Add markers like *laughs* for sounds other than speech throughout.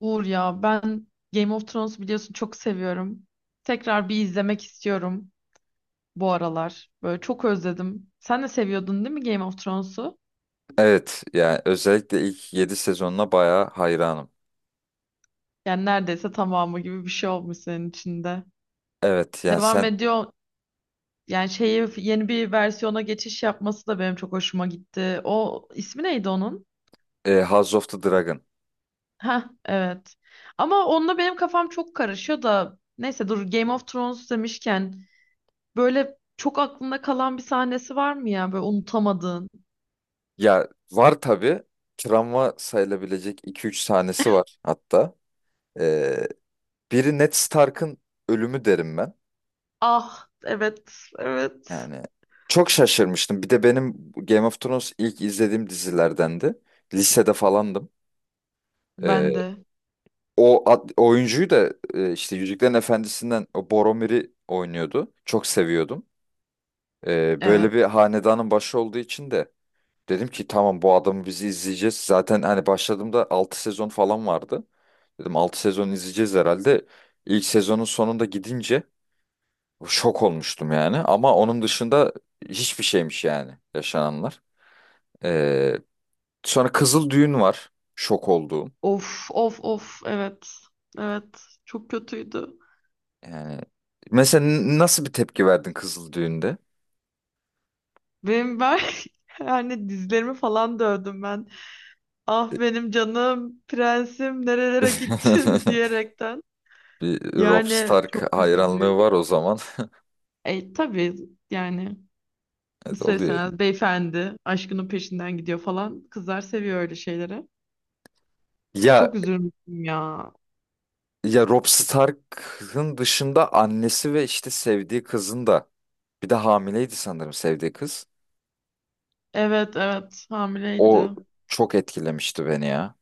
Uğur ya ben Game of Thrones biliyorsun çok seviyorum. Tekrar bir izlemek istiyorum bu aralar. Böyle çok özledim. Sen de seviyordun değil mi Game of Thrones'u? Evet yani özellikle ilk 7 sezonuna bayağı hayranım. Yani neredeyse tamamı gibi bir şey olmuş senin içinde. Evet yani Devam sen. ediyor. Yani şeyi yeni bir versiyona geçiş yapması da benim çok hoşuma gitti. O ismi neydi onun? House of the Dragon. Ha evet. Ama onunla benim kafam çok karışıyor da neyse dur Game of Thrones demişken böyle çok aklında kalan bir sahnesi var mı ya böyle unutamadığın? Ya var tabii, travma sayılabilecek iki üç sahnesi var hatta. E, Biri Ned Stark'ın ölümü derim ben. Ah, evet, evet, Yani çok şaşırmıştım. Bir de benim Game of Thrones ilk izlediğim dizilerdendi. Lisede falandım. ben E, de, Oyuncuyu da işte Yüzüklerin Efendisi'nden o Boromir'i oynuyordu. Çok seviyordum. Evet. Böyle bir hanedanın başı olduğu için de dedim ki tamam bu adamı bizi izleyeceğiz. Zaten hani başladığımda 6 sezon falan vardı. Dedim 6 sezon izleyeceğiz herhalde. İlk sezonun sonunda gidince şok olmuştum yani. Ama onun dışında hiçbir şeymiş yani yaşananlar. Ee, Sonra Kızıl Düğün var. Şok olduğum. Of of of, evet, evet, çok kötüydü. Yani mesela nasıl bir tepki verdin Kızıl Düğün'de? Ben *laughs* yani dizlerimi falan dövdüm ben. Ah benim canım prensim nerelere gittin *laughs* *laughs* diyerekten. Bir Rob Yani Stark çok hayranlığı üzücüydü. var o zaman. *laughs* E tabii, yani Evet, oluyor. isterseniz beyefendi aşkının peşinden gidiyor falan. Kızlar seviyor öyle şeyleri. Çok Ya üzülmüştüm ya. Ya Robb Stark'ın dışında annesi ve işte sevdiği kızın da, bir de hamileydi sanırım sevdiği kız. Evet, evet, hamileydi. O çok etkilemişti beni ya.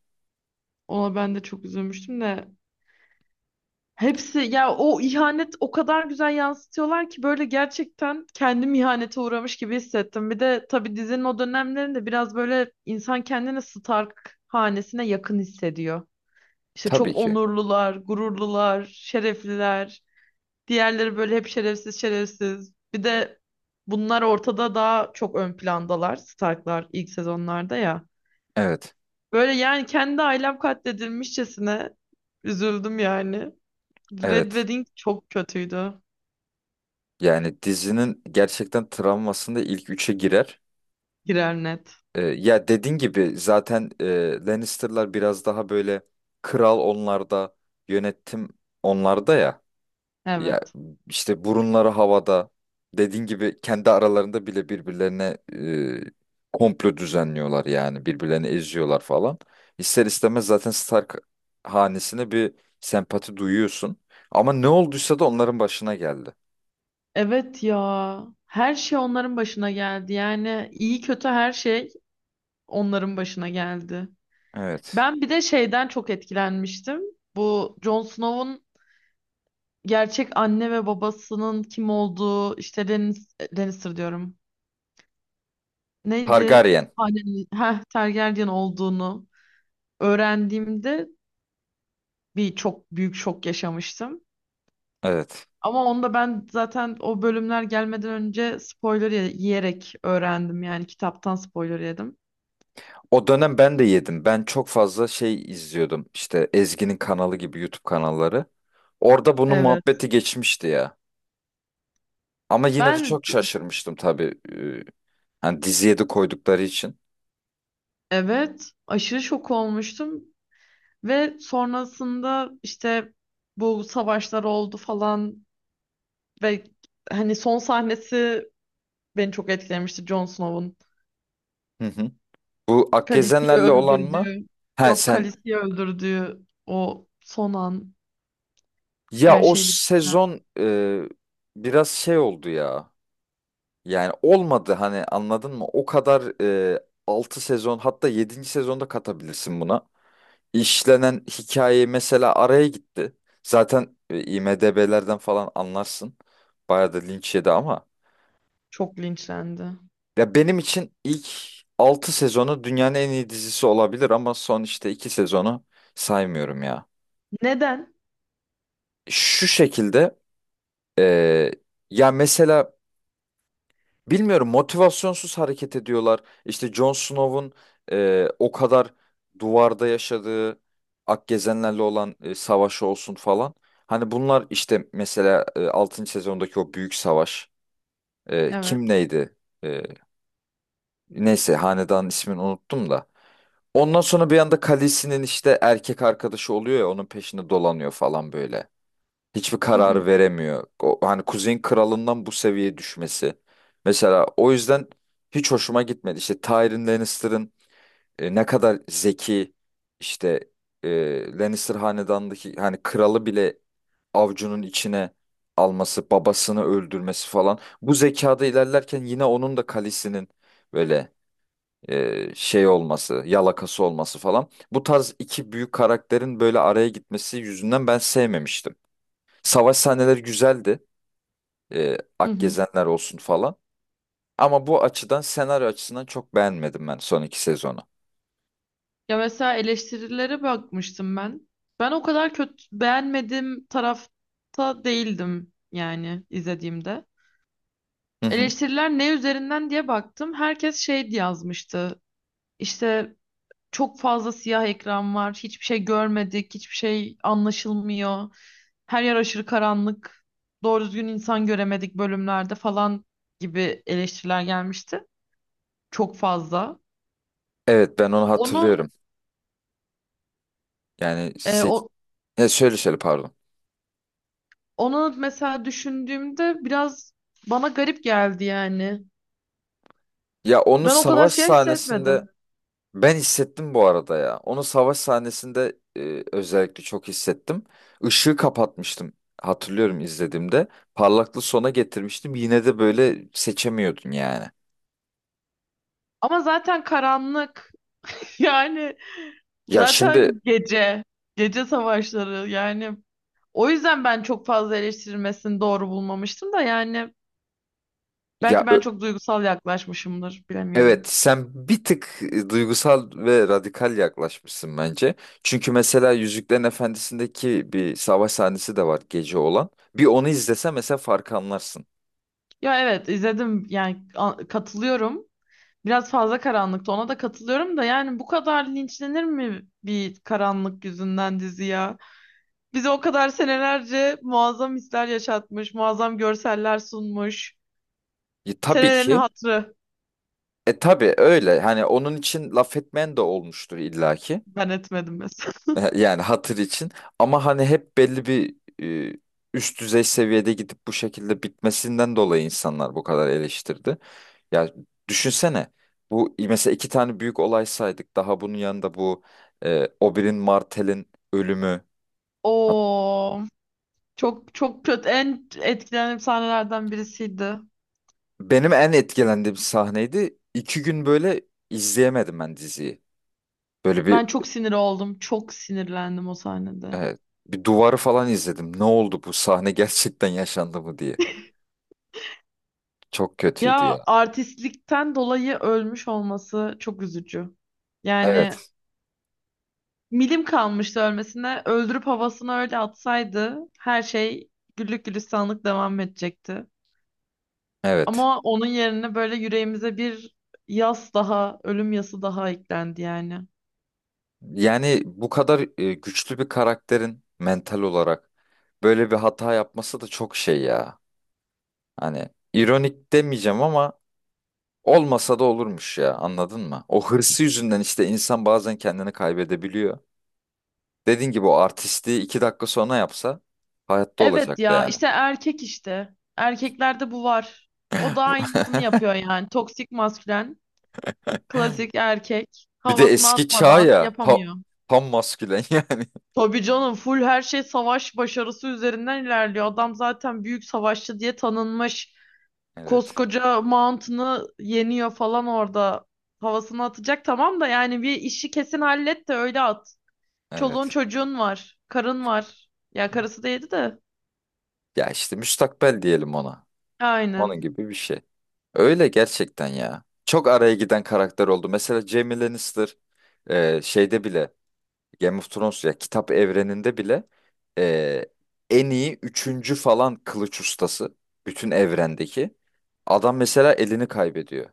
Ona ben de çok üzülmüştüm de hepsi ya, o ihanet o kadar güzel yansıtıyorlar ki böyle gerçekten kendim ihanete uğramış gibi hissettim. Bir de tabii dizinin o dönemlerinde biraz böyle insan kendini Stark hanesine yakın hissediyor. İşte Tabii çok ki. onurlular, gururlular, şerefliler. Diğerleri böyle hep şerefsiz şerefsiz. Bir de bunlar ortada daha çok ön plandalar Starklar ilk sezonlarda ya. Evet. Böyle yani kendi ailem katledilmişçesine üzüldüm yani. Red Evet. Wedding çok kötüydü. Yani dizinin gerçekten travmasında ilk üçe girer. Girer net. Ya dediğin gibi zaten Lannister'lar biraz daha böyle, kral onlarda, yönetim onlarda ya. Ya Evet. işte burunları havada. Dediğin gibi kendi aralarında bile birbirlerine komplo düzenliyorlar yani. Birbirlerini eziyorlar falan. İster istemez zaten Stark hanesine bir sempati duyuyorsun. Ama ne olduysa da onların başına geldi. Evet ya. Her şey onların başına geldi. Yani iyi kötü her şey onların başına geldi. Evet. Ben bir de şeyden çok etkilenmiştim. Bu Jon Snow'un gerçek anne ve babasının kim olduğu, işte Lannister diyorum. Neydi? Targaryen. Hanenin, heh, Targaryen olduğunu öğrendiğimde bir çok büyük şok yaşamıştım. Evet. Ama onu da ben zaten o bölümler gelmeden önce spoiler yiyerek öğrendim. Yani kitaptan spoiler yedim. O dönem ben de yedim. Ben çok fazla şey izliyordum. İşte Ezgi'nin kanalı gibi YouTube kanalları. Orada bunun Evet. muhabbeti geçmişti ya. Ama yine de Ben, çok şaşırmıştım tabii. Hani diziye de koydukları için. evet, aşırı şok olmuştum ve sonrasında işte bu savaşlar oldu falan ve hani son sahnesi beni çok etkilemişti Jon Snow'un. Hı hı. Bu Khaleesi'yi Akgezenlerle olan mı? öldürdüğü, Ha yok sen. Khaleesi'yi öldürdüğü o son an, Ya her o şey bittikten sezon biraz şey oldu ya. Yani olmadı, hani anladın mı? O kadar 6 sezon, hatta yedinci sezonda katabilirsin buna. İşlenen hikaye mesela araya gitti. Zaten IMDb'lerden falan anlarsın. Bayağı da linç yedi ama. çok linçlendi. Ya benim için ilk 6 sezonu dünyanın en iyi dizisi olabilir ama son işte 2 sezonu saymıyorum ya. Neden? Şu şekilde e, ya mesela bilmiyorum, motivasyonsuz hareket ediyorlar. İşte Jon Snow'un o kadar duvarda yaşadığı Akgezenlerle olan savaşı olsun falan. Hani bunlar işte mesela 6. sezondaki o büyük savaş. Evet. Kim neydi? E, Neyse hanedanın ismini unuttum da. Ondan sonra bir anda Khaleesi'nin işte erkek arkadaşı oluyor ya, onun peşinde dolanıyor falan böyle. Hiçbir Hı hı. karar veremiyor. O, hani Kuzey'in kralından bu seviyeye düşmesi. Mesela o yüzden hiç hoşuma gitmedi. İşte Tyrion Lannister'ın ne kadar zeki işte, Lannister hanedanındaki hani kralı bile avcunun içine alması, babasını öldürmesi falan. Bu zekada ilerlerken yine onun da Khaleesi'nin böyle şey olması, yalakası olması falan. Bu tarz iki büyük karakterin böyle araya gitmesi yüzünden ben sevmemiştim. Savaş sahneleri güzeldi. Hı hı. Akgezenler olsun falan. Ama bu açıdan, senaryo açısından çok beğenmedim ben son 2 sezonu. Ya mesela eleştirilere bakmıştım ben. Ben o kadar kötü beğenmediğim tarafta değildim yani izlediğimde. Hı hı. Eleştiriler ne üzerinden diye baktım. Herkes şey diye yazmıştı. İşte çok fazla siyah ekran var. Hiçbir şey görmedik. Hiçbir şey anlaşılmıyor. Her yer aşırı karanlık. Doğru düzgün insan göremedik bölümlerde falan gibi eleştiriler gelmişti. Çok fazla. Evet, ben onu Onu hatırlıyorum. Yani e, o, ya şöyle şöyle, pardon. onu mesela düşündüğümde biraz bana garip geldi yani. Ya onu Ben o kadar savaş siyah sahnesinde hissetmedim. ben hissettim bu arada ya. Onu savaş sahnesinde özellikle çok hissettim. Işığı kapatmıştım. Hatırlıyorum izlediğimde. Parlaklığı sona getirmiştim. Yine de böyle seçemiyordun yani. Ama zaten karanlık. *laughs* Yani Ya şimdi. zaten gece. Gece savaşları yani. O yüzden ben çok fazla eleştirilmesini doğru bulmamıştım da yani. Ya. Belki ben çok duygusal yaklaşmışımdır. Evet, Bilemiyorum. sen bir tık duygusal ve radikal yaklaşmışsın bence. Çünkü mesela Yüzüklerin Efendisi'ndeki bir savaş sahnesi de var gece olan. Bir onu izlese mesela farkı anlarsın. Ya evet izledim yani katılıyorum. Biraz fazla karanlıktı ona da katılıyorum da yani bu kadar linçlenir mi bir karanlık yüzünden dizi ya? Bize o kadar senelerce muazzam hisler yaşatmış, muazzam görseller sunmuş. Tabii Senelerin ki. hatırı, Tabii öyle. Hani onun için laf etmeyen de olmuştur illaki. ben etmedim mesela. *laughs* *laughs* Yani hatır için, ama hani hep belli bir e, üst düzey seviyede gidip bu şekilde bitmesinden dolayı insanlar bu kadar eleştirdi. Ya düşünsene, bu mesela iki tane büyük olay saydık, daha bunun yanında bu Oberyn Martell'in ölümü. Oo, çok çok kötü, en etkilendiğim sahnelerden birisiydi. Benim en etkilendiğim sahneydi. 2 gün böyle izleyemedim ben diziyi. Böyle Ben çok sinir oldum. Çok sinirlendim o sahnede. e, bir duvarı falan izledim. Ne oldu bu sahne, *laughs* gerçekten yaşandı mı diye. Çok kötüydü Ya ya. artistlikten dolayı ölmüş olması çok üzücü. Yani Evet, milim kalmıştı ölmesine. Öldürüp havasına öyle atsaydı her şey güllük gülistanlık devam edecekti. evet. Ama onun yerine böyle yüreğimize bir yas daha, ölüm yası daha eklendi yani. Yani bu kadar güçlü bir karakterin mental olarak böyle bir hata yapması da çok şey ya. Hani ironik demeyeceğim ama olmasa da olurmuş ya, anladın mı? O hırsı yüzünden işte insan bazen kendini kaybedebiliyor. Dediğin gibi o artistliği 2 dakika sonra yapsa hayatta Evet olacaktı ya, yani. işte erkek işte. Erkeklerde bu var. O da aynısını *laughs* yapıyor yani. Toksik maskülen, klasik erkek. Bir de Havasını eski çağ atmadan ya, yapamıyor. tam maskülen yani. *laughs* Tabii canım, full her şey savaş başarısı üzerinden ilerliyor. Adam zaten büyük savaşçı diye tanınmış. Evet, Koskoca Mountain'ı yeniyor falan orada. Havasını atacak tamam da yani bir işi kesin hallet de öyle at. Çoluğun evet, çocuğun var. Karın var. Ya karısı değildi de. ya işte müstakbel diyelim ona. Onun Aynen. gibi bir şey. Öyle gerçekten ya. Çok araya giden karakter oldu. Mesela Jaime Lannister şeyde bile, Game of Thrones ya kitap evreninde bile e, en iyi üçüncü falan kılıç ustası bütün evrendeki. Adam mesela elini kaybediyor.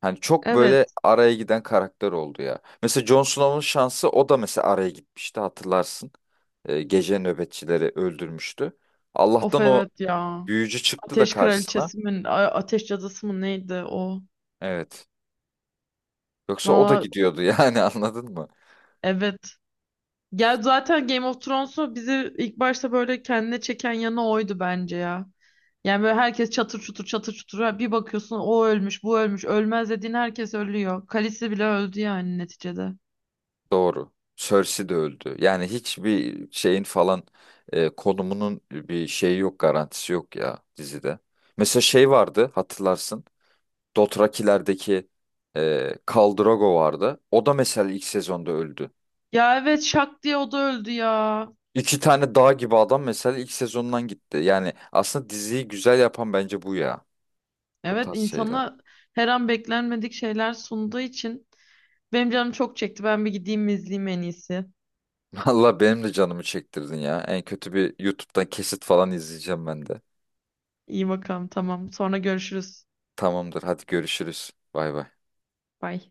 Hani çok Evet. böyle araya giden karakter oldu ya. Mesela Jon Snow'un şansı, o da mesela araya gitmişti, hatırlarsın. Gece nöbetçileri öldürmüştü. Of, Allah'tan o evet ya. büyücü çıktı da Ateş karşısına. Kraliçesi mi? Ateş Cadısı mı neydi o? Evet. Yoksa o da Valla gidiyordu yani, *laughs* anladın mı? evet. Ya zaten Game of Thrones'u bizi ilk başta böyle kendine çeken yanı oydu bence ya. Yani böyle herkes çatır çutur çatır çutur. Bir bakıyorsun o ölmüş bu ölmüş. Ölmez dediğin herkes ölüyor. Khaleesi bile öldü yani neticede. Doğru. Cersei de öldü. Yani hiçbir şeyin falan konumunun bir şeyi yok, garantisi yok ya dizide. Mesela şey vardı, hatırlarsın. Dothraki'lerdeki Khal Drogo vardı. O da mesela ilk sezonda öldü. Ya evet, şak diye o da öldü ya. İki tane dağ gibi adam mesela ilk sezondan gitti. Yani aslında diziyi güzel yapan bence bu ya. Bu Evet, tarz şeyler. insana her an beklenmedik şeyler sunduğu için benim canım çok çekti. Ben bir gideyim izleyeyim en iyisi. *laughs* Valla benim de canımı çektirdin ya. En kötü bir YouTube'dan kesit falan izleyeceğim ben de. İyi bakalım, tamam. Sonra görüşürüz. Tamamdır. Hadi görüşürüz. Bay bay. Bye.